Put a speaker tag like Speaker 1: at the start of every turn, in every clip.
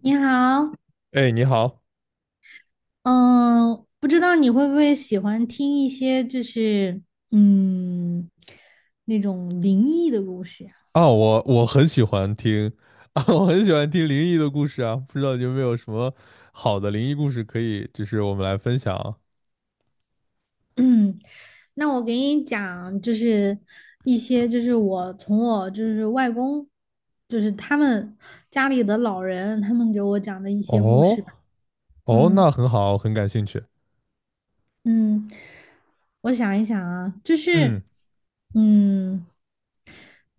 Speaker 1: 你好，
Speaker 2: 哎，你好
Speaker 1: 嗯，不知道你会不会喜欢听一些就是嗯那种灵异的故事呀？
Speaker 2: 啊，我很喜欢听 啊，我很喜欢听灵异的故事啊，不知道你有没有什么好的灵异故事可以，就是我们来分享。
Speaker 1: 嗯，那我给你讲，就是一些就是我从我就是外公，就是他们家里的老人，他们给我讲的一些故
Speaker 2: 哦
Speaker 1: 事吧。
Speaker 2: 哦，
Speaker 1: 嗯
Speaker 2: 那很好，很感兴趣。
Speaker 1: 嗯，我想一想啊，
Speaker 2: 嗯，
Speaker 1: 嗯。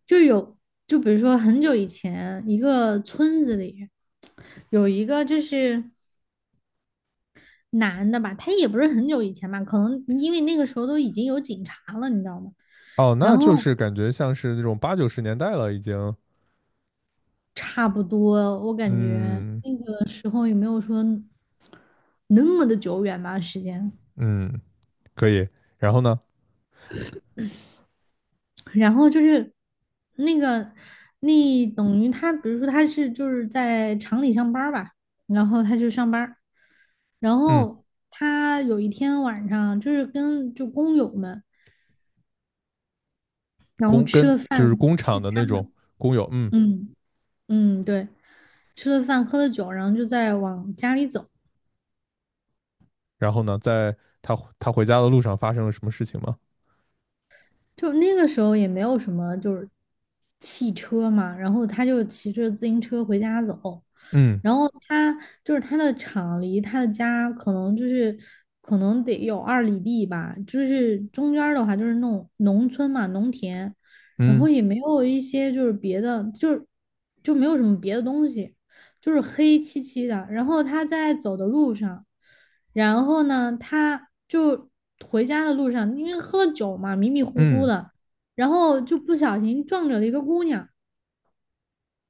Speaker 1: 就有，就比如说很久以前，一个村子里有一个就是男的吧，他也不是很久以前吧，可能因为那个时候都已经有警察了，你知道吗？
Speaker 2: 哦，那
Speaker 1: 然
Speaker 2: 就
Speaker 1: 后
Speaker 2: 是感觉像是那种八九十年代了，已经。
Speaker 1: 差不多，我感觉
Speaker 2: 嗯
Speaker 1: 的时候也没有说那么的久远吧，时间。
Speaker 2: 嗯，可以。然后呢，
Speaker 1: 然后就是那个，那等于他，比如说他是就是在厂里上班儿吧，然后他就上班儿，然
Speaker 2: 嗯，
Speaker 1: 后他有一天晚上就是跟就工友们
Speaker 2: 跟就是工厂
Speaker 1: 聚
Speaker 2: 的那
Speaker 1: 餐嘛。
Speaker 2: 种工友，嗯，
Speaker 1: 嗯嗯，对，吃了饭喝了酒，然后就在往家里走，
Speaker 2: 然后呢，在他回家的路上发生了什么事情吗？
Speaker 1: 就那个时候也没有什么就是汽车嘛，然后他就骑着自行车回家走，
Speaker 2: 嗯
Speaker 1: 然后他就是他的厂离他的家可能就是可能得有2里地吧，就是中间儿的话就是那种农村嘛，农田，然后
Speaker 2: 嗯
Speaker 1: 也没有一些就是别的，就是就没有什么别的东西，就是黑漆漆的，然后他在走的路上。然后呢，他就回家的路上，因为喝了酒嘛，迷迷糊糊
Speaker 2: 嗯，
Speaker 1: 的，然后就不小心撞着了一个姑娘。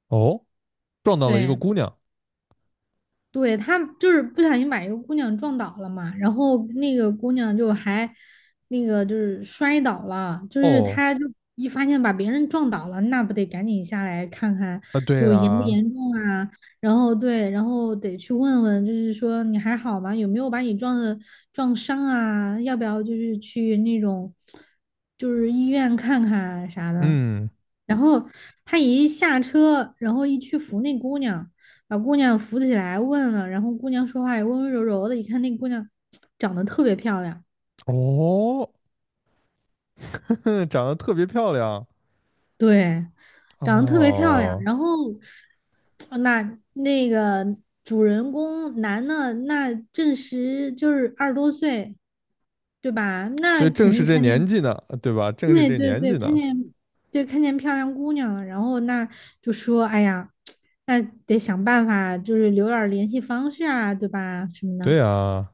Speaker 2: 哦，撞到了一个
Speaker 1: 对，
Speaker 2: 姑娘。
Speaker 1: 对，他就是不小心把一个姑娘撞倒了嘛，然后那个姑娘就还那个就是摔倒了，就是
Speaker 2: 哦，
Speaker 1: 他就一发现把别人撞倒了，那不得赶紧下来看看
Speaker 2: 啊，对
Speaker 1: 就严不
Speaker 2: 啦，
Speaker 1: 严重啊？然后对，然后得去问问，就是说你还好吗？有没有把你撞的撞伤啊？要不要就是去那种就是医院看看啊啥的？
Speaker 2: 嗯，
Speaker 1: 然后他一下车，然后一去扶那姑娘，把姑娘扶起来问了，然后姑娘说话也温温柔柔的，一看那姑娘长得特别漂亮，
Speaker 2: 哦，长得特别漂亮，
Speaker 1: 对，长得特别漂亮。
Speaker 2: 哦，
Speaker 1: 然后，那个主人公男的，那正值就是20多岁，对吧？那
Speaker 2: 对，正
Speaker 1: 肯
Speaker 2: 是
Speaker 1: 定
Speaker 2: 这
Speaker 1: 看
Speaker 2: 年
Speaker 1: 见，
Speaker 2: 纪呢，对吧？正是
Speaker 1: 对
Speaker 2: 这
Speaker 1: 对
Speaker 2: 年
Speaker 1: 对，
Speaker 2: 纪
Speaker 1: 看
Speaker 2: 呢，
Speaker 1: 见，对看见漂亮姑娘了，然后那就说，哎呀，那得想办法，就是留点儿联系方式啊，对吧？什么的。
Speaker 2: 对啊，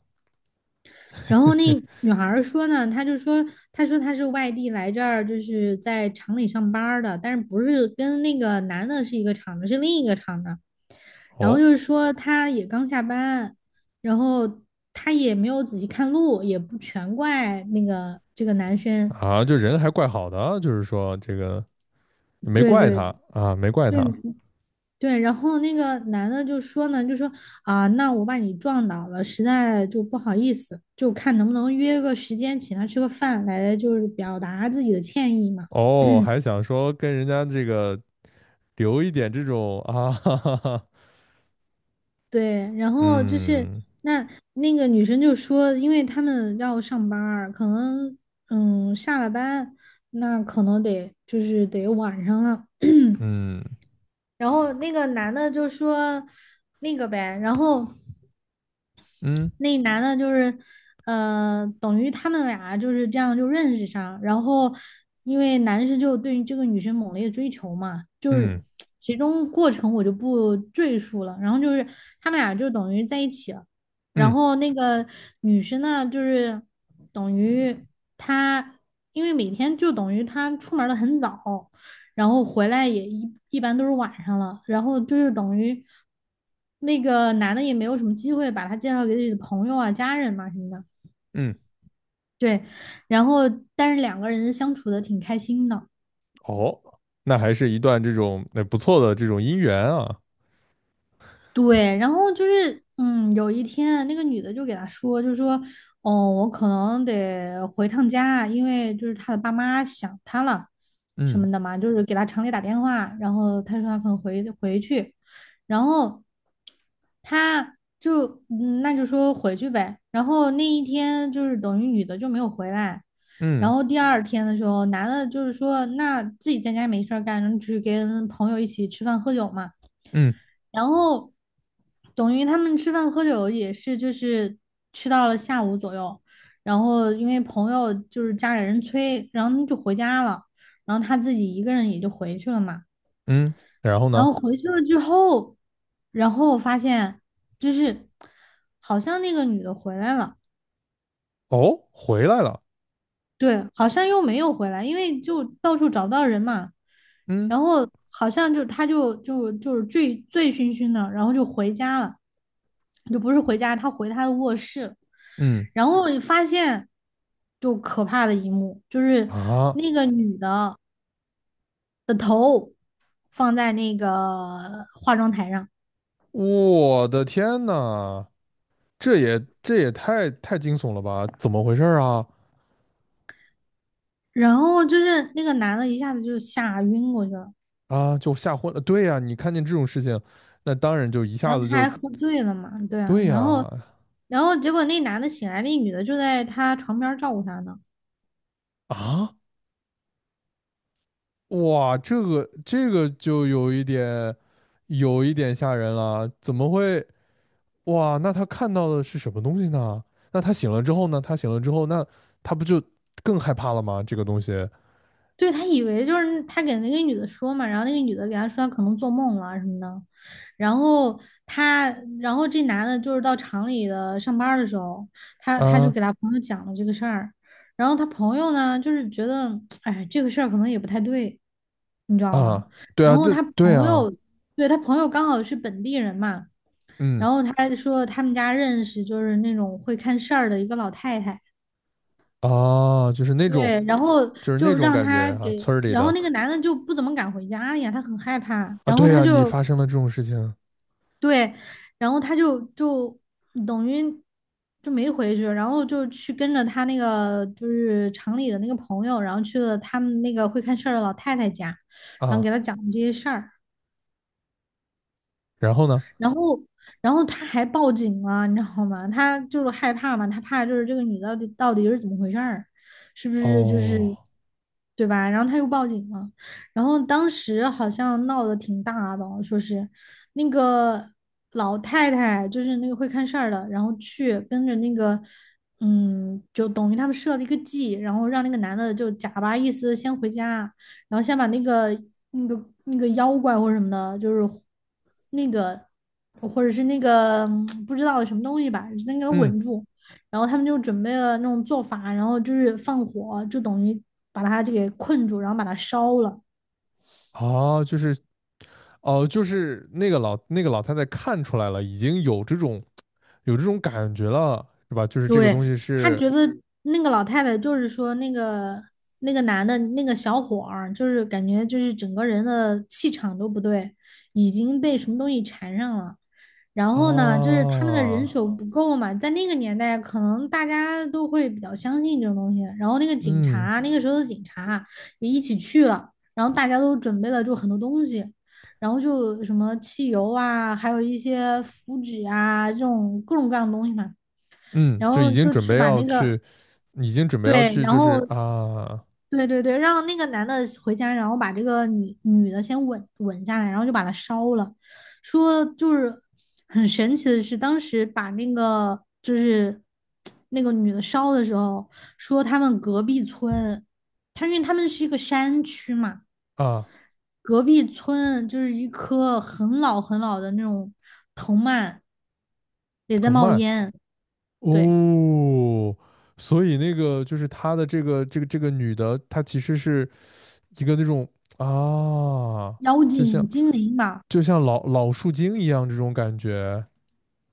Speaker 1: 然后那 女孩儿说呢，她就说，她说她是外地来这儿，就是在厂里上班儿的，但是不是跟那个男的是一个厂的，是另一个厂的。然后
Speaker 2: 哦，
Speaker 1: 就是说，她也刚下班，然后她也没有仔细看路，也不全怪那个这个男生。
Speaker 2: 啊，就人还怪好的啊就是说这个没
Speaker 1: 对
Speaker 2: 怪
Speaker 1: 对
Speaker 2: 他啊，没怪他，
Speaker 1: 对，对，然后那个男的就说呢，就说啊，那我把你撞倒了，实在就不好意思，就看能不能约个时间请他吃个饭，来就是表达自己的歉意嘛。
Speaker 2: 哦，还想说跟人家这个留一点这种啊，哈哈哈，
Speaker 1: 对，然后就是
Speaker 2: 嗯
Speaker 1: 那那个女生就说，因为他们要上班儿可能下了班，那可能得就是得晚上了。
Speaker 2: 嗯
Speaker 1: 然后那个男的就说那个呗，然后。
Speaker 2: 嗯
Speaker 1: 那男的就是，等于他们俩就是这样就认识上，然后因为男生就对于这个女生猛烈的追求嘛，就是
Speaker 2: 嗯
Speaker 1: 其中过程我就不赘述了，然后就是他们俩就等于在一起了，然
Speaker 2: 嗯
Speaker 1: 后那个女生呢，就是等于她，因为每天就等于她出门的很早。然后回来也一般都是晚上了，然后就是等于那个男的也没有什么机会把她介绍给自己的朋友啊、家人嘛什么的。
Speaker 2: 嗯，
Speaker 1: 对，然后但是两个人相处的挺开心的。
Speaker 2: 哦，那还是一段这种那不错的这种姻缘啊。
Speaker 1: 对，然后就是，嗯，有一天那个女的就给他说，就说，哦，我可能得回趟家，因为就是他的爸妈想他了，什
Speaker 2: 嗯
Speaker 1: 么的嘛，就是给他厂里打电话，然后他说他可能回去，然后他就，那就说回去呗，然后那一天就是等于女的就没有回来，然
Speaker 2: 嗯
Speaker 1: 后第二天的时候，男的就是说，那自己在家没事儿干，然后去跟朋友一起吃饭喝酒嘛。
Speaker 2: 嗯
Speaker 1: 然后等于他们吃饭喝酒也是就是吃到了下午左右，然后因为朋友就是家里人催，然后他们就回家了，然后他自己一个人也就回去了嘛。
Speaker 2: 嗯，然后
Speaker 1: 然
Speaker 2: 呢？
Speaker 1: 后回去了之后，然后我发现就是好像那个女的回来了。
Speaker 2: 哦，回来了。
Speaker 1: 对，好像又没有回来，因为就到处找不到人嘛，
Speaker 2: 嗯
Speaker 1: 然后好像就他就是醉醉醺醺的，然后就回家了，就不是回家，他回他的卧室了，
Speaker 2: 嗯
Speaker 1: 然后你发现就可怕的一幕，就是
Speaker 2: 啊，
Speaker 1: 那个女的的头放在那个化妆台上，
Speaker 2: 我的天呐，这也太惊悚了吧？怎么回事儿啊？
Speaker 1: 然后就是那个男的一下子就吓晕过去了，
Speaker 2: 啊，就吓昏了。对呀，你看见这种事情，那当然就一下
Speaker 1: 然后
Speaker 2: 子
Speaker 1: 他
Speaker 2: 就
Speaker 1: 还喝醉了嘛，对啊，
Speaker 2: 对
Speaker 1: 然后。
Speaker 2: 呀
Speaker 1: 然后结果那男的醒来，那女的就在他床边照顾他呢。
Speaker 2: 啊，哇，这个就有一点吓人了，怎么会？哇，那他看到的是什么东西呢？那他醒了之后呢？他醒了之后，那他不就更害怕了吗？这个东西
Speaker 1: 对，他以为就是他给那个女的说嘛，然后那个女的给他说他可能做梦了什么的。然后他，然后这男的就是到厂里的上班的时候，他就
Speaker 2: 啊
Speaker 1: 给他朋友讲了这个事儿。然后他朋友呢，就是觉得，哎，这个事儿可能也不太对，你知道吗？
Speaker 2: 啊，对
Speaker 1: 然
Speaker 2: 啊，
Speaker 1: 后
Speaker 2: 这
Speaker 1: 他
Speaker 2: 对
Speaker 1: 朋
Speaker 2: 啊，
Speaker 1: 友，对，他朋友刚好是本地人嘛，
Speaker 2: 嗯
Speaker 1: 然后他说他们家认识就是那种会看事儿的一个老太太。
Speaker 2: 啊，
Speaker 1: 对，然后
Speaker 2: 就是那
Speaker 1: 就
Speaker 2: 种
Speaker 1: 让
Speaker 2: 感觉
Speaker 1: 他
Speaker 2: 啊，
Speaker 1: 给，
Speaker 2: 村儿里
Speaker 1: 然后
Speaker 2: 的
Speaker 1: 那个男的就不怎么敢回家了呀，他很害怕，
Speaker 2: 啊，
Speaker 1: 然后
Speaker 2: 对
Speaker 1: 他
Speaker 2: 呀，你
Speaker 1: 就
Speaker 2: 发生了这种事情
Speaker 1: 对，然后他就等于就没回去，然后就去跟着他那个就是厂里的那个朋友，然后去了他们那个会看事儿的老太太家，然后
Speaker 2: 啊，
Speaker 1: 给他讲这些事儿，
Speaker 2: 然后呢？
Speaker 1: 然后，然后他还报警了，你知道吗？他就是害怕嘛，他怕就是这个女的到底到底是怎么回事儿，是不是就是
Speaker 2: 哦，
Speaker 1: 对吧？然后他又报警了，然后当时好像闹得挺大的，说是那个老太太就是那个会看事儿的，然后去跟着那个。就等于他们设了一个计，然后让那个男的就假巴意思先回家，然后先把那个妖怪或者什么的，就是那个或者是那个不知道什么东西吧，先给它
Speaker 2: 嗯，
Speaker 1: 稳住。然后他们就准备了那种做法，然后就是放火，就等于把它就给困住，然后把它烧了。
Speaker 2: 啊，就是哦，就是那个老那个老太太看出来了，已经有这种感觉了，是吧？就是这个
Speaker 1: 对，
Speaker 2: 东西
Speaker 1: 他
Speaker 2: 是
Speaker 1: 觉得那个老太太就是说那个那个男的那个小伙儿，就是感觉就是整个人的气场都不对，已经被什么东西缠上了。然后呢，就是他们的人
Speaker 2: 啊，
Speaker 1: 手不够嘛，在那个年代，可能大家都会比较相信这种东西。然后那个警
Speaker 2: 嗯。
Speaker 1: 察，那个时候的警察也一起去了，然后大家都准备了就很多东西，然后就什么汽油啊，还有一些符纸啊，这种各种各样的东西嘛。
Speaker 2: 嗯，
Speaker 1: 然
Speaker 2: 就
Speaker 1: 后
Speaker 2: 已经
Speaker 1: 就
Speaker 2: 准
Speaker 1: 去
Speaker 2: 备
Speaker 1: 把
Speaker 2: 要
Speaker 1: 那个，
Speaker 2: 去，已经准备要
Speaker 1: 对，
Speaker 2: 去，
Speaker 1: 然
Speaker 2: 就是
Speaker 1: 后
Speaker 2: 啊
Speaker 1: 对对对，让那个男的回家，然后把这个女的先稳稳下来，然后就把她烧了。说就是很神奇的是，当时把那个就是那个女的烧的时候，说他们隔壁村，他因为他们是一个山区嘛，
Speaker 2: 啊，
Speaker 1: 隔壁村就是一棵很老很老的那种藤蔓也在
Speaker 2: 藤
Speaker 1: 冒
Speaker 2: 蔓
Speaker 1: 烟，对，
Speaker 2: 哦，所以那个就是他的这个女的，她其实是一个那种啊，
Speaker 1: 妖
Speaker 2: 就像
Speaker 1: 精精灵吧。
Speaker 2: 就像老树精一样这种感觉，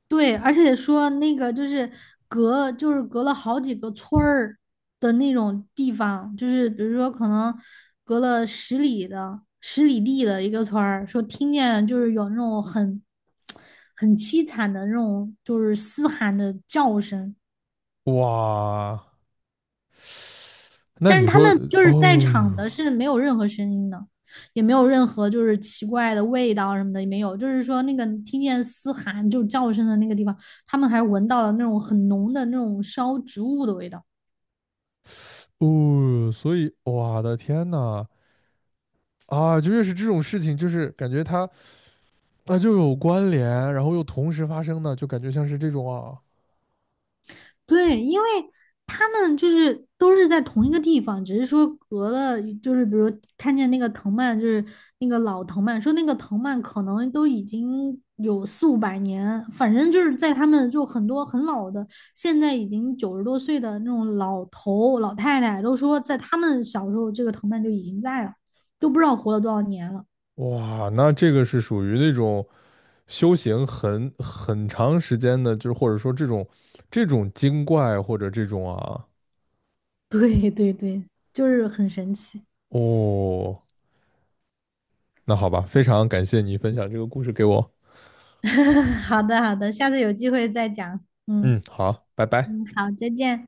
Speaker 1: 对，而且说那个就是隔，就是隔了好几个村儿的那种地方，就是比如说可能隔了十里的10里地的一个村儿，说听见就是有那种很很凄惨的那种就是嘶喊的叫声，
Speaker 2: 哇，那
Speaker 1: 但
Speaker 2: 你
Speaker 1: 是他们
Speaker 2: 说
Speaker 1: 就是在
Speaker 2: 哦
Speaker 1: 场的是没有任何声音的，也没有任何就是奇怪的味道什么的也没有，就是说那个听见嘶喊就是叫声的那个地方，他们还闻到了那种很浓的那种烧植物的味道。
Speaker 2: 哦，所以我的天呐啊，就越是这种事情，就是感觉她。那就有关联，然后又同时发生的，就感觉像是这种啊，
Speaker 1: 对，因为他们就是都是在同一个地方，只是说隔了，就是比如看见那个藤蔓，就是那个老藤蔓，说那个藤蔓可能都已经有四五百年，反正就是在他们就很多很老的，现在已经90多岁的那种老头老太太都说，在他们小时候这个藤蔓就已经在了，都不知道活了多少年了。
Speaker 2: 哇，那这个是属于那种修行很长时间的，就是或者说这种精怪或者这种啊，
Speaker 1: 对对对，就是很神奇。
Speaker 2: 哦，那好吧，非常感谢你分享这个故事给我。
Speaker 1: 好的好的，下次有机会再讲。
Speaker 2: 嗯，
Speaker 1: 嗯
Speaker 2: 好，拜拜。
Speaker 1: 嗯，好，再见。